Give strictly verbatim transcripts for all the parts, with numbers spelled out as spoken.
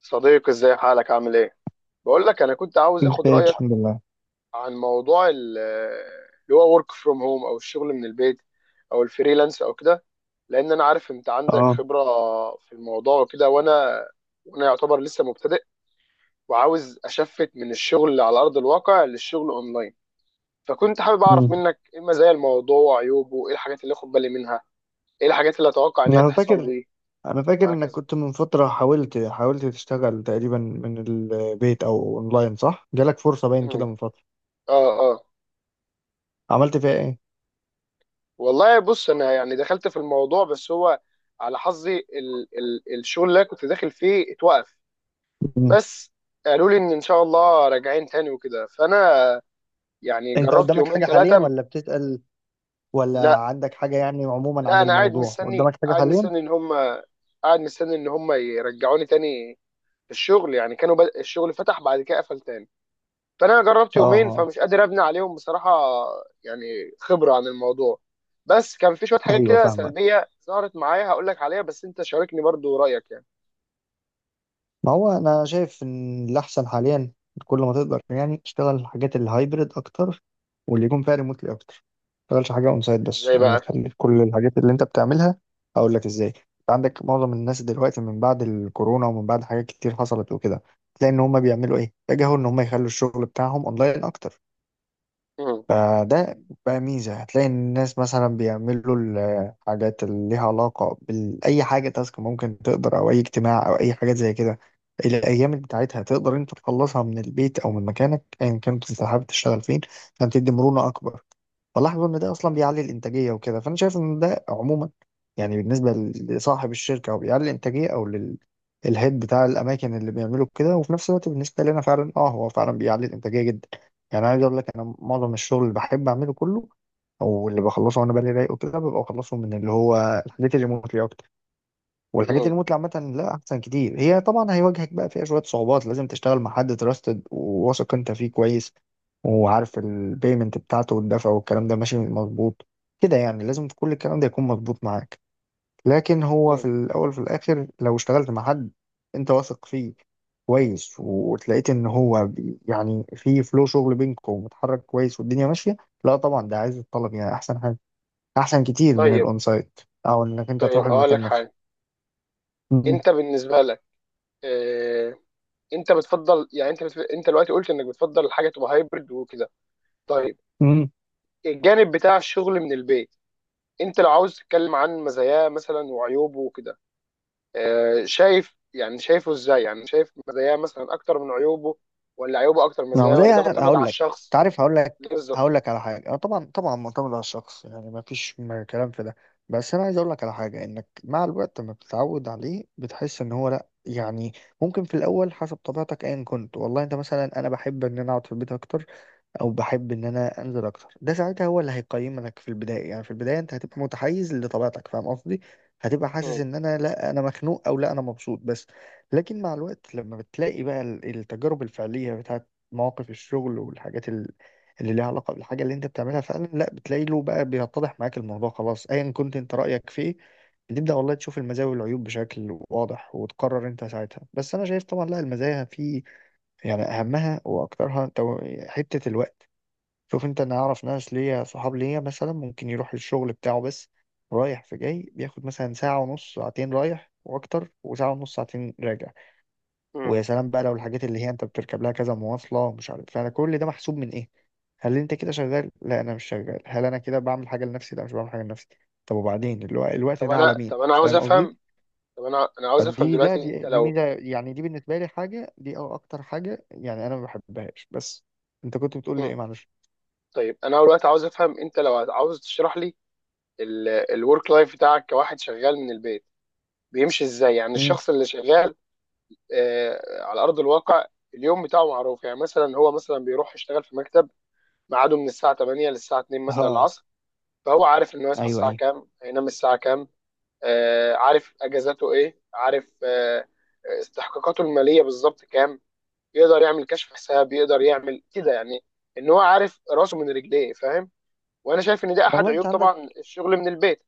صديقي، ازاي حالك؟ عامل ايه؟ بقول لك انا كنت عاوز اخد بخير رايك الحمد لله. عن موضوع ال- اللي هو ورك فروم هوم او الشغل من البيت او الفريلانس او كده. لان انا عارف انت عندك اه خبره في الموضوع وكده. وانا وانا يعتبر لسه مبتدئ وعاوز اشفت من الشغل على ارض الواقع للشغل اونلاين. فكنت حابب اعرف امم منك ايه مزايا الموضوع وعيوبه، ايه الحاجات اللي اخد بالي منها، ايه الحاجات اللي اتوقع ان هي انا تحصل فاكر لي انا فاكر انك وهكذا. كنت من فترة حاولت حاولت تشتغل تقريبا من البيت او اونلاين، صح؟ جالك فرصة باين كده مم. من فترة، اه آه. عملت فيها ايه؟ والله بص، انا يعني دخلت في الموضوع بس هو على حظي ال ال الشغل اللي أنا كنت داخل فيه اتوقف. امم بس قالوا لي ان ان شاء الله راجعين تاني وكده. فانا يعني انت جربت قدامك يومين حاجة حاليا ثلاثه. ولا بتسأل؟ ولا لا، عندك حاجة يعني عموما عن لا، انا قاعد الموضوع؟ مستني قدامك حاجة قاعد حاليا؟ مستني ان هم قاعد مستني ان هم يرجعوني تاني. الشغل يعني كانوا بدأ الشغل، فتح بعد كده قفل تاني، فانا جربت اه، يومين اه، فمش قادر ابني عليهم بصراحه، يعني خبره عن الموضوع. بس كان في شويه حاجات ايوه كده فاهمك. سلبيه ظهرت معايا، هقول لك عليها بس انت شاركني برضو رايك يعني. ما هو انا شايف ان الاحسن حاليا كل ما تقدر يعني تشتغل الحاجات الهايبرد اكتر، واللي يكون فيها ريموتلي اكتر، ما تشتغلش حاجه اون سايت بس، ازاي يعني ما بقى؟ تخلي كل الحاجات اللي انت بتعملها. اقول لك ازاي؟ انت عندك معظم الناس دلوقتي من بعد الكورونا ومن بعد حاجات كتير حصلت وكده، تلاقي ان هم بيعملوا ايه، اتجهوا ان هم يخلوا الشغل بتاعهم اونلاين اكتر. مم. فده بقى ميزة. هتلاقي إن الناس مثلا بيعملوا الحاجات اللي ليها علاقة بأي حاجة، تاسك ممكن تقدر أو أي اجتماع أو أي حاجات زي كده، الأيام بتاعتها تقدر أنت تخلصها من البيت أو من مكانك أيا كنت أنت حابب تشتغل فين، عشان تدي مرونة أكبر. فلاحظوا إن ده أصلا بيعلي الإنتاجية وكده، فأنا شايف إن ده عموما يعني بالنسبة لصاحب الشركة أو بيعلي الإنتاجية أو للهيد بتاع الأماكن اللي بيعملوا كده، وفي نفس الوقت بالنسبة لنا فعلا، أه هو فعلا بيعلي الإنتاجية جدا. يعني عايز اقول لك، انا معظم الشغل اللي بحب اعمله كله او اللي بخلصه وانا بالي رايق وكده ببقى بخلصه من اللي هو الحاجات الريموتلي اكتر. والحاجات مم. الريموتلي عامه لا احسن كتير هي، طبعا هيواجهك بقى فيها شويه صعوبات، لازم تشتغل مع حد تراستد وواثق انت فيه كويس، وعارف البيمنت بتاعته والدفع والكلام ده ماشي مظبوط كده، يعني لازم كل الكلام ده يكون مظبوط معاك. لكن هو في مم. الأول وفي الآخر لو اشتغلت مع حد أنت واثق فيه كويس، وتلاقيت إن هو بي- يعني في فلو شغل بينكم ومتحرك كويس والدنيا ماشية، لا طبعا ده عايز الطلب، يعني أحسن حاجة، أحسن كتير من طيب، الأون سايت أو إنك أنت طيب. تروح اقول لك المكان نفسه. حاجه. انت بالنسبه لك، اه... انت بتفضل، يعني انت بتف... انت دلوقتي قلت انك بتفضل الحاجه تبقى هايبرد وكده. طيب، الجانب بتاع الشغل من البيت، انت لو عاوز تتكلم عن مزاياه مثلا وعيوبه وكده، آه، شايف، يعني شايفه ازاي؟ يعني شايف مزاياه مثلا اكتر من عيوبه، ولا عيوبه اكتر من ما هو مزاياه، زي، ولا ده معتمد على هقول لك، انت الشخص؟ عارف، هقول ليه لك بالظبط؟ هقول لك على حاجه، اه طبعا طبعا معتمد على الشخص، يعني ما فيش م- كلام في ده. بس انا عايز اقول لك على حاجه، انك مع الوقت لما بتتعود عليه بتحس ان هو لا يعني ممكن في الاول حسب طبيعتك ايا كنت، والله انت مثلا انا بحب ان انا اقعد في البيت اكتر او بحب ان انا انزل اكتر، ده ساعتها هو اللي هيقيمك في البدايه، يعني في البدايه انت هتبقى متحيز لطبيعتك، فاهم قصدي؟ هتبقى حاسس مم. ان انا لا انا مخنوق او لا انا مبسوط بس. لكن مع الوقت لما بتلاقي بقى ال- التجارب الفعليه بتاعت مواقف الشغل والحاجات ال- اللي ليها علاقه بالحاجه اللي انت بتعملها فعلا، لا بتلاقي له بقى بيتضح معاك الموضوع خلاص ايا كنت انت رايك فيه، بتبدا والله تشوف المزايا والعيوب بشكل واضح وتقرر انت ساعتها. بس انا شايف طبعا لا المزايا في، يعني اهمها واكترها تو- حته الوقت. شوف انت، انا اعرف ناس ليا صحاب ليا مثلا ممكن يروح الشغل بتاعه بس رايح في جاي بياخد مثلا ساعة ونص ساعتين رايح واكتر، وساعة ونص ساعتين راجع. مم. ويا سلام بقى لو الحاجات اللي هي انت بتركب لها كذا مواصلة ومش عارف، فانا كل ده محسوب من ايه؟ هل انت كده شغال؟ لا انا مش شغال. هل انا كده بعمل حاجة لنفسي؟ لا مش بعمل حاجة لنفسي. طب وبعدين الو- الوقت طب ده على انا مين؟ طب انا عاوز فاهم قصدي؟ افهم. طب انا انا عاوز افهم فدي لا دلوقتي، دي انت دي لو... ميزة، يعني دي بالنسبة لي حاجة دي أو اكتر حاجة يعني انا ما بحبهاش. بس انت كنت بتقول لي ايه؟ مم. معلش. طيب، انا دلوقتي عاوز افهم، انت لو عاوز تشرح لي الورك لايف بتاعك كواحد شغال من البيت، بيمشي ازاي؟ يعني امم الشخص اللي شغال آه على ارض الواقع اليوم بتاعه معروف، يعني مثلا هو مثلا بيروح يشتغل في مكتب، ميعاده من الساعه تمانية للساعه الثانية مثلا اه، العصر، فهو عارف انه يصحى ايوه الساعه ايوه. كام، هينام الساعه كام، آه عارف اجازاته ايه، عارف آه استحقاقاته الماليه بالظبط كام، يقدر يعمل كشف حساب، يقدر يعمل كده، يعني ان هو عارف راسه من رجليه، فاهم؟ وانا شايف ان ده احد والله انت عيوب عندك، طبعا الشغل من البيت،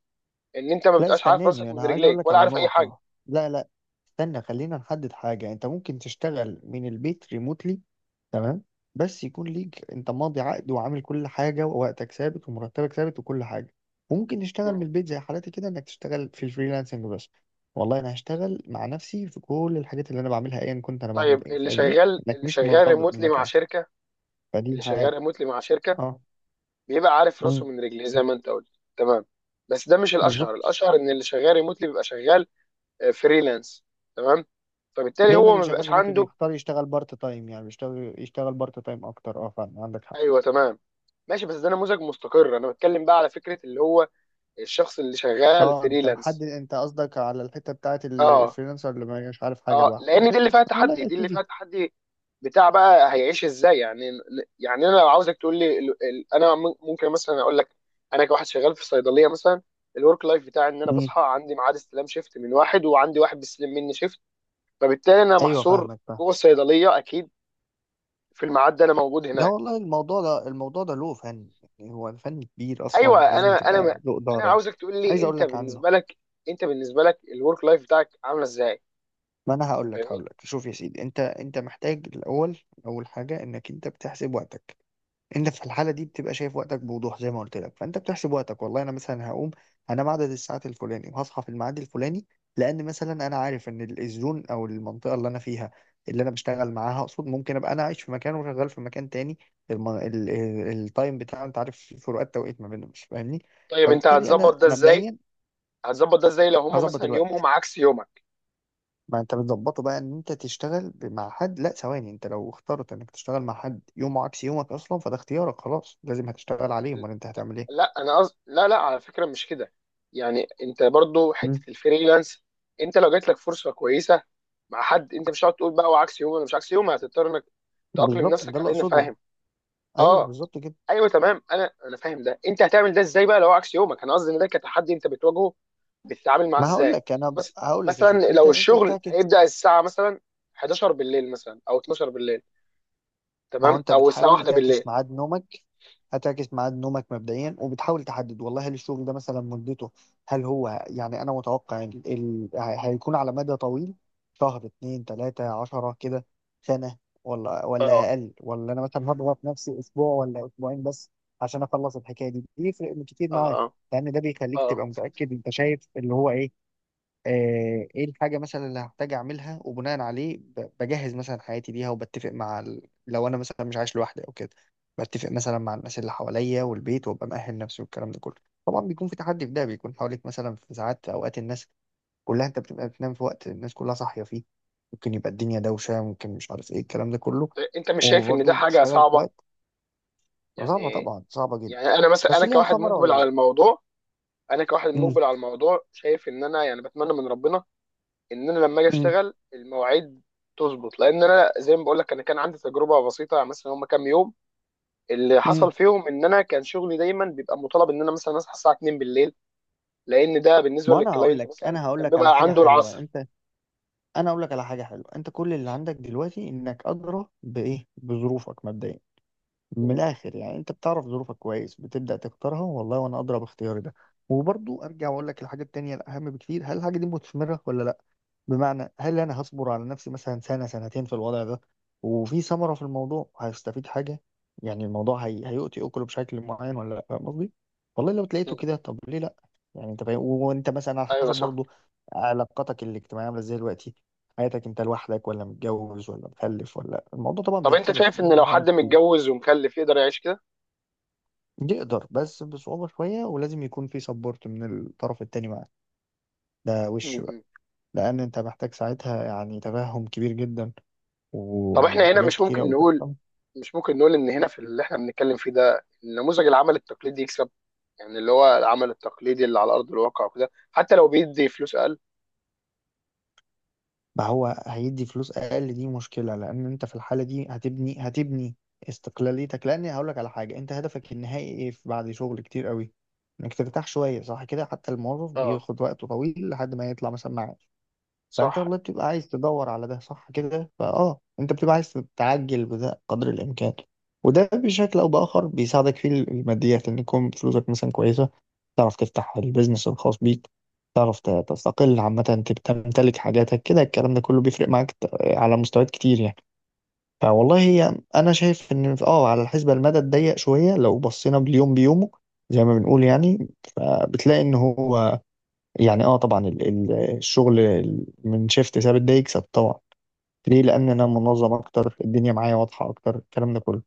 ان انت ما لا بتبقاش عارف راسك استناني، انا من عايز اقول رجليك لك ولا على عارف اي حاجه. نقطة. لا لا استنى خلينا نحدد حاجة. انت ممكن تشتغل من البيت ريموتلي، تمام، بس يكون ليك انت ماضي عقد وعامل كل حاجة ووقتك ثابت ومرتبك ثابت وكل حاجة. وممكن تشتغل من مم. البيت زي حالاتي كده انك تشتغل في الفريلانسنج بس، والله انا هشتغل مع نفسي في كل الحاجات اللي انا بعملها ايا كنت انا طيب، بعمل ايه، اللي فاهمني؟ شغال انك اللي مش شغال مرتبط ريموتلي مع بمكان، شركه. فدي اللي حاجة. شغال ريموتلي مع شركه اه، بيبقى عارف راسه مم، من رجليه زي ما انت قلت، تمام. بس ده مش الاشهر بالظبط. الاشهر ان اللي شغال ريموتلي بيبقى شغال فريلانس، تمام، فبالتالي دايما هو اللي ما شغال بيبقاش ريموتلي عنده. بيختار يشتغل بارت تايم، يعني بيشتغل يشتغل بارت تايم اكتر، اه فعلا عندك حق. ايوه تمام. ماشي، بس ده نموذج مستقر. انا بتكلم بقى على فكره اللي هو الشخص اللي شغال اه انت محدد، فريلانس. انت قصدك على الحته بتاعت ال- اه، الفريلانسر اللي ما مش عارف حاجه اه، لوحده، آه. لان دي اللي فيها والله تحدي، يا دي اللي فيها سيدي. تحدي، بتاع بقى هيعيش ازاي يعني. يعني انا لو عاوزك تقول لي ال- ال- انا م- ممكن مثلا اقول لك، انا كواحد شغال في صيدليه مثلا، الورك لايف بتاعي ان انا مم. بصحى عندي ميعاد استلام شيفت من واحد، وعندي واحد بيستلم مني شيفت، فبالتالي انا ايوه محصور فاهمك، فاهم. جوه الصيدليه اكيد، في الميعاد ده انا موجود لا هناك. والله الموضوع ده، الموضوع ده له فن، يعني هو فن كبير ايوه، اصلا ولازم انا انا ما- تبقى له انا اداره. عاوزك تقول لي عايز اقول انت لك عنه، بالنسبه لك انت بالنسبه لك الورك لايف بتاعك عامله ازاي، ما انا هقول لك فاهمني؟ هقول لك شوف يا سيدي، انت انت محتاج الاول، اول حاجه انك انت بتحسب وقتك، انت في الحاله دي بتبقى شايف وقتك بوضوح زي ما قلت لك. فانت بتحسب وقتك، والله انا مثلا هقوم هنام عدد الساعات الفلاني وهصحى في الميعاد الفلاني، لان مثلا انا عارف ان ال- الزون او المنطقه اللي انا فيها، اللي انا بشتغل معاها اقصد، ممكن ابقى انا عايش في مكان وشغال في مكان تاني. الم... ال... ال... التايم بتاع، انت عارف في فروقات توقيت ما بينهم، مش فاهمني؟ طيب، انت فبالتالي هتظبط انا ده ازاي مبدئيا هتظبط ده ازاي لو هم هظبط مثلا الوقت. يومهم عكس يومك؟ ما انت بتظبطه بقى ان انت تشتغل ب- مع حد. لا ثواني، انت لو اخترت انك تشتغل مع حد يومه عكس يومك اصلا فده اختيارك خلاص، لازم هتشتغل عليه، امال انت هتعمل ايه؟ لا، انا قصد، لا، لا، على فكره مش كده، يعني انت برضو حته مم، الفريلانس، انت لو جات لك فرصه كويسه مع حد، انت مش هتقعد تقول بقى وعكس يومي ولا مش عكس يومي، هتضطر انك تأقلم بالظبط ده نفسك اللي على ان، اقصده. فاهم؟ ايوه اه، بالظبط كده. ايوه تمام. انا انا فاهم ده، انت هتعمل ده ازاي بقى لو هو عكس يومك؟ انا قصدي ان ده كتحدي انت بتواجهه، بتتعامل معاه ما هقول ازاي؟ لك انا ب... مس- هقول لك يا مثلا سيدي، انت لو انت الشغل بتعكس. هيبدأ الساعة مثلا حداشر بالليل مثلا، او اتناشر بالليل، ما هو تمام، انت او الساعة بتحاول واحدة تعكس بالليل. ميعاد نومك، هتعكس ميعاد نومك مبدئيا، وبتحاول تحدد والله هل الشغل ده مثلا مدته، هل هو يعني انا متوقع ال... ال... هي- هيكون على مدى طويل؟ شهر اتنين تلاتة عشرة كده، سنة، ولا اه، ولا اقل، ولا انا مثلا هضغط نفسي اسبوع ولا اسبوعين بس عشان اخلص الحكاية دي؟ بيفرق كتير اه، معاك، اه، لان ده بيخليك اه. تبقى متأكد انت شايف اللي هو ايه. آه، ايه الحاجة مثلا اللي هحتاج اعملها، وبناء عليه ب- بجهز مثلا حياتي ليها، وبتفق مع ال... لو انا مثلا مش عايش لوحدي او كده بتفق مثلا مع الناس اللي حواليا والبيت وابقى مأهل نفسي والكلام ده كله. طبعا بيكون في تحدي في ده، بيكون حواليك مثلا في ساعات، في اوقات الناس كلها، انت بتبقى بتنام في وقت الناس كلها صاحية فيه، ممكن يبقى الدنيا دوشة ممكن مش عارف ايه الكلام ده كله، انت مش شايف ان ده وبرضه حاجة بتشتغل في صعبة وقت صعبة، يعني طبعا صعبة جدا، يعني انا مثلا، بس انا ليها كواحد ثمرة مقبل ولا على لا؟ الموضوع انا كواحد امم مقبل على الموضوع، شايف ان انا يعني بتمنى من ربنا ان انا لما اجي امم اشتغل المواعيد تظبط، لان انا زي ما بقول لك، انا كان عندي تجربة بسيطة يعني مثلا هم كام يوم، اللي حصل امم فيهم ان انا كان شغلي دايما بيبقى مطالب ان انا مثلا اصحى الساعة اتنين بالليل، لان ده بالنسبه ما انا هقول للكلاينت لك مثلا انا هقول كان لك على بيبقى حاجة عنده حلوة العصر. انت. انا اقول لك على حاجه حلوه، انت كل اللي عندك دلوقتي انك ادرى بايه، بظروفك مبدئيا. من م- الاخر يعني، انت بتعرف ظروفك كويس، بتبدا تختارها، والله وانا ادرى باختياري ده. وبرضو ارجع واقول لك الحاجه التانيه الاهم بكتير، هل الحاجه دي مثمره ولا لا؟ بمعنى هل انا هصبر على نفسي مثلا سنة سنتين في الوضع ده، وفي ثمرة في الموضوع هيستفيد حاجة؟ يعني الموضوع هي... هيؤتي اكله بشكل معين ولا لا، فاهم قصدي؟ والله لو م. تلاقيته كده طب ليه لا. يعني انت فاهم. وانت مثلا على ايوه حسب صح. برضو علاقتك الاجتماعية عاملة ازاي دلوقتي، حياتك انت لوحدك ولا متجوز ولا مخلف، ولا الموضوع طبعا طب انت بيختلف شايف ان ب- لو بعمق حد كتير. متجوز ومخلف يقدر يعيش كده؟ يقدر بس بصعوبة شوية، ولازم يكون في سبورت من الطرف التاني معاك، ده وش م- بقى. م. لأن أنت محتاج ساعتها يعني تفهم كبير جدا، طب احنا ويعني هنا حاجات مش كتيرة ممكن أوي نقول تحصل. مش ممكن نقول ان هنا في اللي احنا بنتكلم فيه ده نموذج العمل التقليدي يكسب، يعني اللي هو العمل التقليدي اللي على ارض الواقع وكده، حتى لو بيدي فلوس اقل. ما هو هيدي فلوس أقل دي مشكلة، لأن أنت في الحالة دي هتبني هتبني استقلاليتك، لأن هقولك على حاجة، أنت هدفك النهائي إيه في- بعد شغل كتير أوي إنك ترتاح شوية، صح كده؟ حتى الموظف اه بياخد وقته طويل لحد ما يطلع مثلا معاش. فانت صح. والله بتبقى عايز تدور على ده، صح كده؟ فاه انت بتبقى عايز تعجل بده قدر الامكان. وده بشكل او باخر بيساعدك في الماديات، ان يكون فلوسك مثلا كويسه، تعرف تفتح البيزنس الخاص بيك، تعرف ت- تستقل عامه، تبقى تمتلك حاجاتك كده. الكلام ده كله بيفرق معاك ت- على مستويات كتير يعني. فوالله هي انا شايف ان في- اه على الحسبه المدى الضيق شويه لو بصينا باليوم بيومه زي ما بنقول يعني، فبتلاقي ان هو يعني اه طبعا ال- ال- الشغل من شيفت ثابت ده يكسب طبعا، ليه؟ لان انا منظم اكتر، الدنيا معايا واضحه اكتر، الكلام ده كله.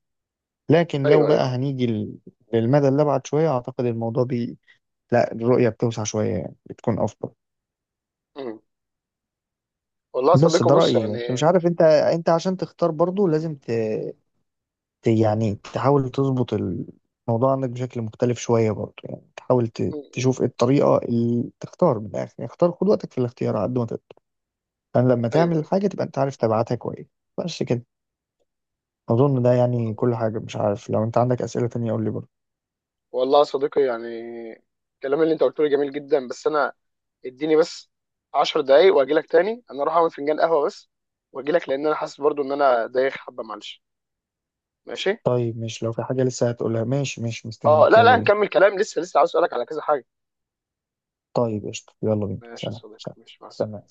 لكن لو ايوه، بقى ايوه. هنيجي لل- للمدى اللي ابعد شويه، اعتقد الموضوع بي لا الرؤيه بتوسع شويه يعني، بتكون افضل. م. والله يا بس صديقي ده بص رايي، بس مش يعني. عارف انت، انت عشان تختار برضو لازم ت... ت... يعني تحاول تظبط الموضوع عندك بشكل مختلف شويه برضو، يعني تحاول م- ت... م. تشوف ايه الطريقه اللي تختار، من الاخر يعني، اختار خد وقتك في الاختيار على قد ما تقدر. فأنا لما تعمل ايوه، ايوه. الحاجة تبقى أنت عارف تبعاتها كويس. بس كده، أظن ده يعني كل حاجة، مش عارف لو أنت عندك أسئلة تانية قول لي برضه. والله يا صديقي، يعني الكلام اللي انت قلته لي جميل جدا، بس انا اديني بس 10 دقايق واجي لك تاني، انا اروح اعمل فنجان قهوه بس واجي لك، لان انا حاسس برضو ان انا دايخ حبه، معلش. ماشي. طيب مش لو في حاجة لسه هتقولها؟ ماشي ماشي اه، مستنيك، لا، لا، يلا بينا. هنكمل كلام لسه، لسه عاوز اسالك على كذا حاجه. طيب قشطة، يلا بينا، ماشي يا سلام صديقي، سلام. ماشي، مع السلامه. تمام.